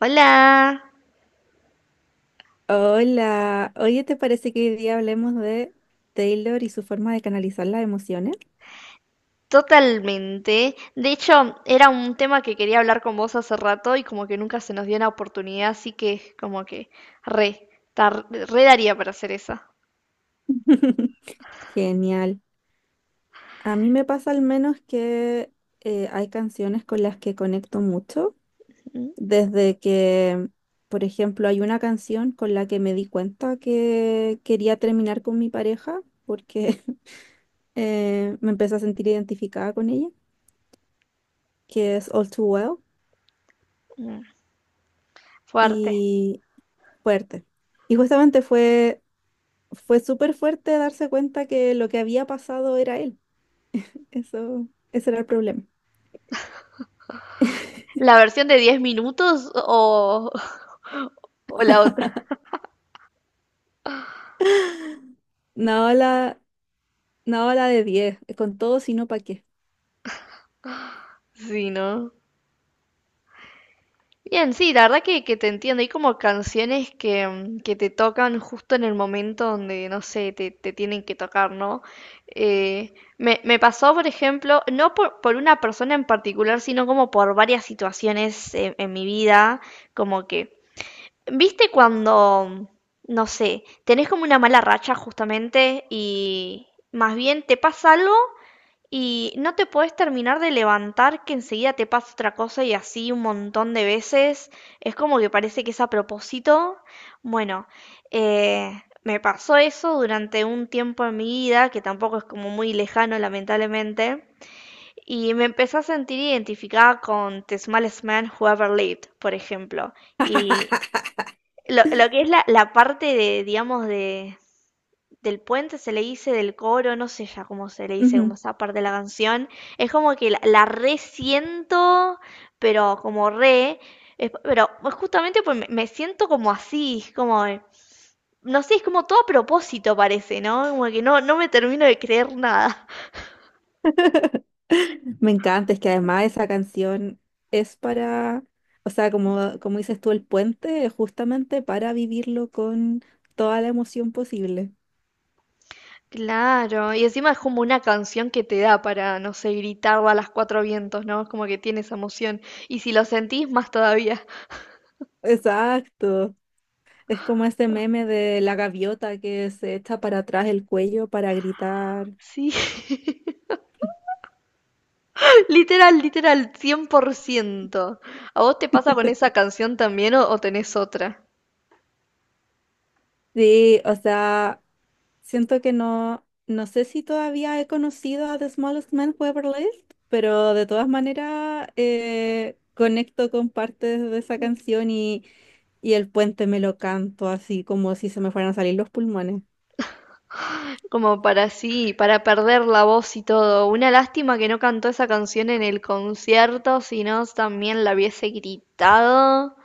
Hola, Hola, oye, ¿te parece que hoy día hablemos de Taylor y su forma de canalizar las emociones? totalmente. De hecho, era un tema que quería hablar con vos hace rato y como que nunca se nos dio la oportunidad, así que como que re, re daría para hacer esa. Genial. A mí me pasa al menos que hay canciones con las que conecto mucho, Mm, desde que, por ejemplo, hay una canción con la que me di cuenta que quería terminar con mi pareja porque me empecé a sentir identificada con ella, que es All Too Well mm. Fuerte. y Fuerte. Y justamente fue súper fuerte darse cuenta que lo que había pasado era él. Eso, ese era el problema. ¿La versión de 10 minutos o, o la otra? No la, no la de 10 con todo sino pa' qué. Sí, ¿no? Bien, sí, la verdad que te entiendo. Hay como canciones que, que te tocan justo en el momento donde, no sé, te tienen que tocar, ¿no? Eh, me me pasó, por ejemplo, no por una persona en particular, sino como por varias situaciones en mi vida, como que, ¿viste cuando, no sé, tenés como una mala racha justamente y más bien te pasa algo? Y no te podés terminar de levantar que enseguida te pasa otra cosa y así un montón de veces. Es como que parece que es a propósito. Bueno, me pasó eso durante un tiempo en mi vida, que tampoco es como muy lejano, lamentablemente. Y me empecé a sentir identificada con The Smallest Man Who Ever Lived, por ejemplo. Y lo que es la parte de, digamos, de, del puente se le dice, del coro, no sé ya cómo se le dice, como Ujú. esa parte de la canción. Es como que la resiento, pero como re. es- pero Justamente pues me siento como así, es como. No sé, es como todo a propósito parece, ¿no? Como que no, no me termino de creer nada. Me encanta, es que además esa canción es para, o sea, como, como dices tú, el puente es justamente para vivirlo con toda la emoción posible. Claro, y encima es como una canción que te da para, no sé, gritarla a las cuatro vientos, ¿no? Es como que tiene esa emoción. Y si lo sentís, más todavía. Exacto. Es como ese meme de la gaviota que se echa para atrás el cuello para gritar. Sí. Literal, literal, 100 por ciento. ¿A vos te pasa con esa canción también o tenés otra? Sí, o sea, siento que no, no sé si todavía he conocido a The Smallest Man Who Ever Lived, pero de todas maneras conecto con partes de esa canción y el puente me lo canto así como si se me fueran a salir los pulmones. Como para sí, para perder la voz y todo. Una lástima que no cantó esa canción en el concierto, si no también la hubiese gritado.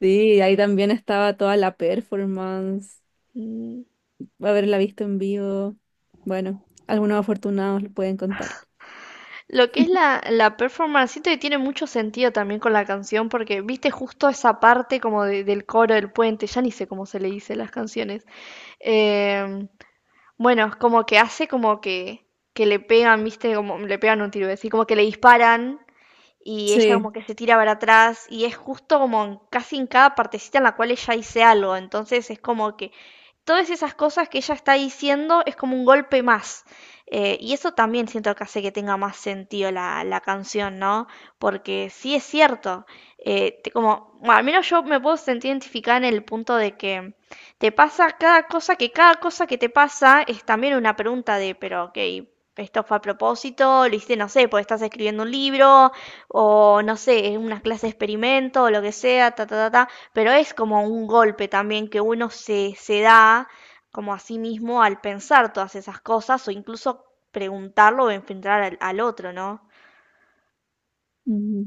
Sí, ahí también estaba toda la performance, Mm. haberla visto en vivo. Bueno, algunos afortunados lo pueden contar. Lo que es la performance, siento que tiene mucho sentido también con la canción, porque viste justo esa parte como del coro, del puente, ya ni sé cómo se le dice las canciones. Eh, Bueno, es como que hace como que le pegan, ¿viste? Como le pegan un tiro, es decir, como que le disparan y ella Sí. como que se tira para atrás y es justo como casi en cada partecita en la cual ella dice algo, entonces es como que todas esas cosas que ella está diciendo es como un golpe más. Y eso también siento que hace que tenga más sentido la canción, ¿no? Porque sí es cierto, como, bueno, al menos yo me puedo sentir identificada en el punto de que te pasa cada cosa que te pasa es también una pregunta de, pero ok, esto fue a propósito, lo hiciste, no sé, porque estás escribiendo un libro, o no sé, es una clase de experimento, o lo que sea, ta, ta, ta, ta, pero es como un golpe también que uno se da como a sí mismo al pensar todas esas cosas o incluso preguntarlo o enfrentar al otro, ¿no? Mm.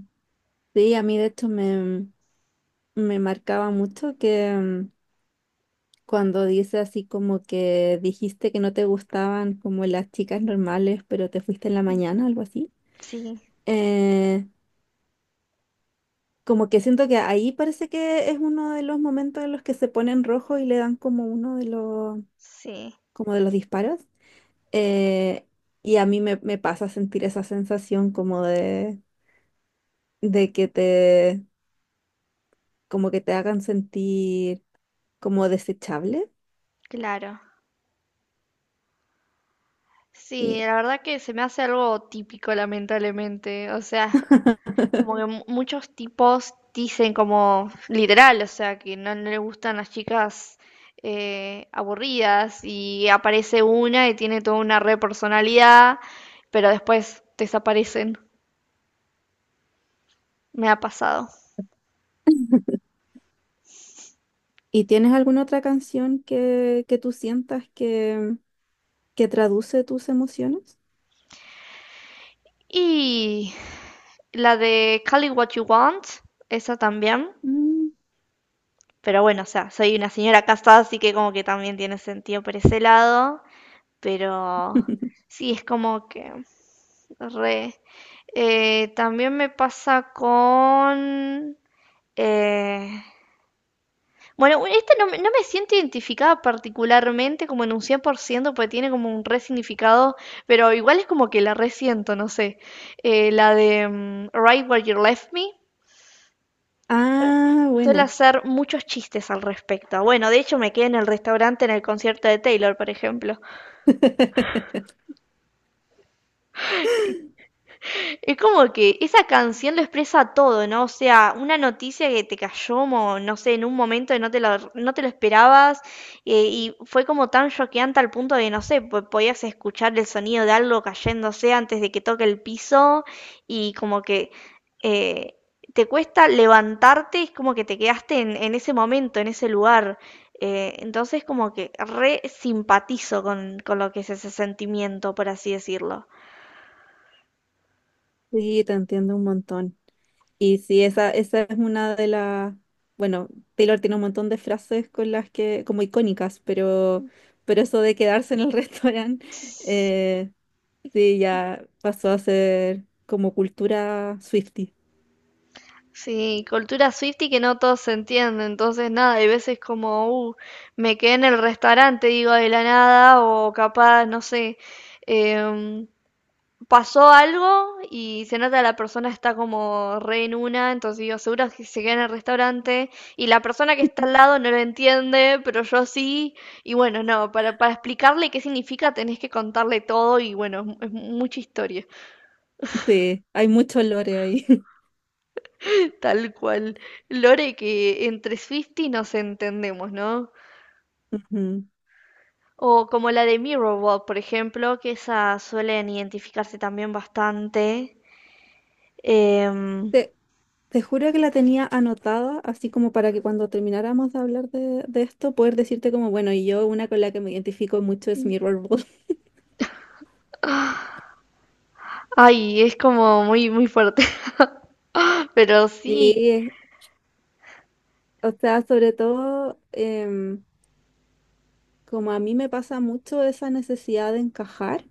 Sí, a mí de hecho me marcaba mucho que cuando dice así como que dijiste que no te gustaban como las chicas normales, pero te fuiste en la mañana, algo así. Sí, Eh, como que siento que ahí parece que es uno de los momentos en los que se ponen rojo y le dan como uno de los, sí, como de los disparos. Eh, y a mí me pasa sentir esa sensación como de que te, como que te hagan sentir como desechable. claro. Sí, Sí. la verdad que se me hace algo típico, lamentablemente. O sea, como que muchos tipos dicen como literal, o sea, que no, no les gustan las chicas aburridas, y aparece una y tiene toda una re personalidad, pero después desaparecen. Me ha pasado. ¿Y tienes alguna otra canción que tú sientas que qué traduce tus emociones? Y la de Call It What You Want, esa también. Mm. Pero bueno, o sea, soy una señora casada, así que como que también tiene sentido por ese lado. Pero sí, es como que re. También me pasa con. eh, Bueno, bueno, esta no, me no me siento identificada particularmente como en un 100 por ciento, porque tiene como un re significado, pero igual es como que la resiento, no sé. La de Right Where You Left Me. Ah, Suele buena. hacer muchos chistes al respecto. Bueno, de hecho me quedé en el restaurante en el concierto de Taylor, por ejemplo. Es como que esa canción lo expresa todo, ¿no? O sea, una noticia que te cayó, no sé, en un momento que no te lo, no te lo esperabas, y fue como tan choqueante al punto de, no sé, podías escuchar el sonido de algo cayéndose antes de que toque el piso, y como que eh, te cuesta levantarte, es como que te quedaste en ese momento, en ese lugar. Entonces como que re simpatizo con lo que es ese sentimiento, por así decirlo. Sí, te entiendo un montón. Y sí, esa es una de las, bueno, Taylor tiene un montón de frases con las que, como icónicas, pero eso de quedarse en el restaurante, eh, sí, ya pasó a ser como cultura Swifty. Sí, cultura y que no todos se entienden, entonces nada, hay veces como, me quedé en el restaurante, digo, de la nada, o capaz, no sé, em, pasó algo y se nota la persona está como re en una, entonces digo, seguro que se queda en el restaurante, y la persona que está al lado no lo entiende, pero yo sí, y bueno, no, para explicarle qué significa tenés que contarle todo y bueno, es mucha historia. Sí, hay mucho lore ahí. Tal cual. Lore que entre Swiftie nos entendemos, ¿no? Ujú. O como la de Mirrorball por ejemplo, que esas suelen identificarse también bastante. Em, Te- Te juro que la tenía anotada, así como para que cuando termináramos de hablar de esto, poder decirte como, bueno, y yo una con la que me identifico mucho es Mirrorwood. Ay, es como muy, muy fuerte. Pero sí. Sí, o sea, sobre todo, como a mí me pasa mucho esa necesidad de encajar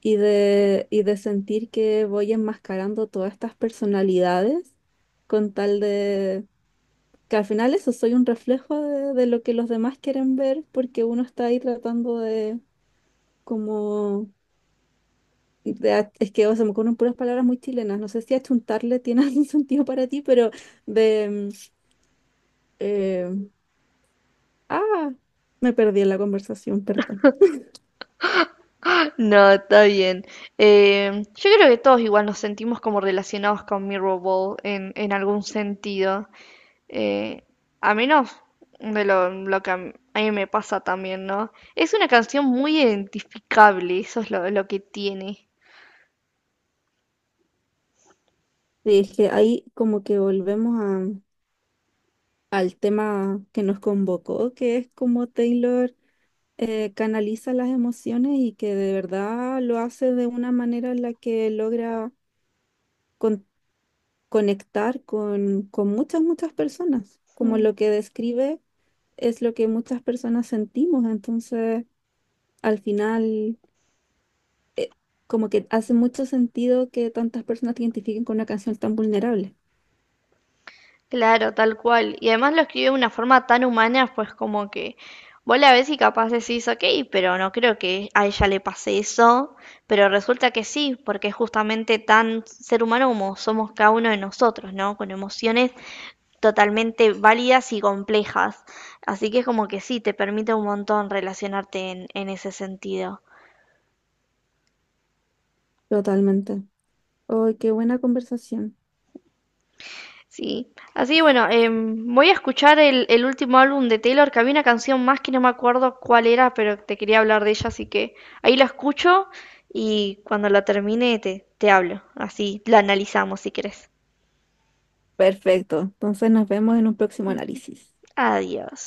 y de sentir que voy enmascarando todas estas personalidades con tal de que al final eso soy un reflejo de lo que los demás quieren ver porque uno está ahí tratando de como de es que o sea, me ocurren puras palabras muy chilenas. No sé si achuntarle tiene algún sentido para ti, pero de... eh, ah, me perdí en la conversación, perdón. No, está bien. Yo creo que todos igual nos sentimos como relacionados con Mirrorball en algún sentido. Eh, a menos de lo que a mí me pasa también, ¿no? Es una canción muy identificable, eso es lo que tiene. Sí, es que ahí como que al tema que nos convocó, que es como Taylor canaliza las emociones y que de verdad lo hace de una manera en la que logra con- conectar con muchas, muchas personas, como Mm. lo que describe es lo que muchas personas sentimos. Entonces, al final eh, como que hace mucho sentido que tantas personas te identifiquen con una canción tan vulnerable. Claro, tal cual. Y además lo escribe de una forma tan humana, pues como que vos la ves y capaz decís, ok, pero no creo que a ella le pase eso, pero resulta que sí, porque es justamente tan ser humano como somos cada uno de nosotros, ¿no? Con emociones totalmente válidas y complejas. Así que es como que sí, te permite un montón relacionarte en ese sentido. Totalmente. ¡Ay, qué buena conversación! Sí. Así que bueno, voy a escuchar el último álbum de Taylor, que había una canción más que no me acuerdo cuál era, pero te quería hablar de ella, así que ahí la escucho y cuando la termine te hablo. Así la analizamos si querés. Perfecto. Entonces nos vemos en un próximo análisis. Adiós.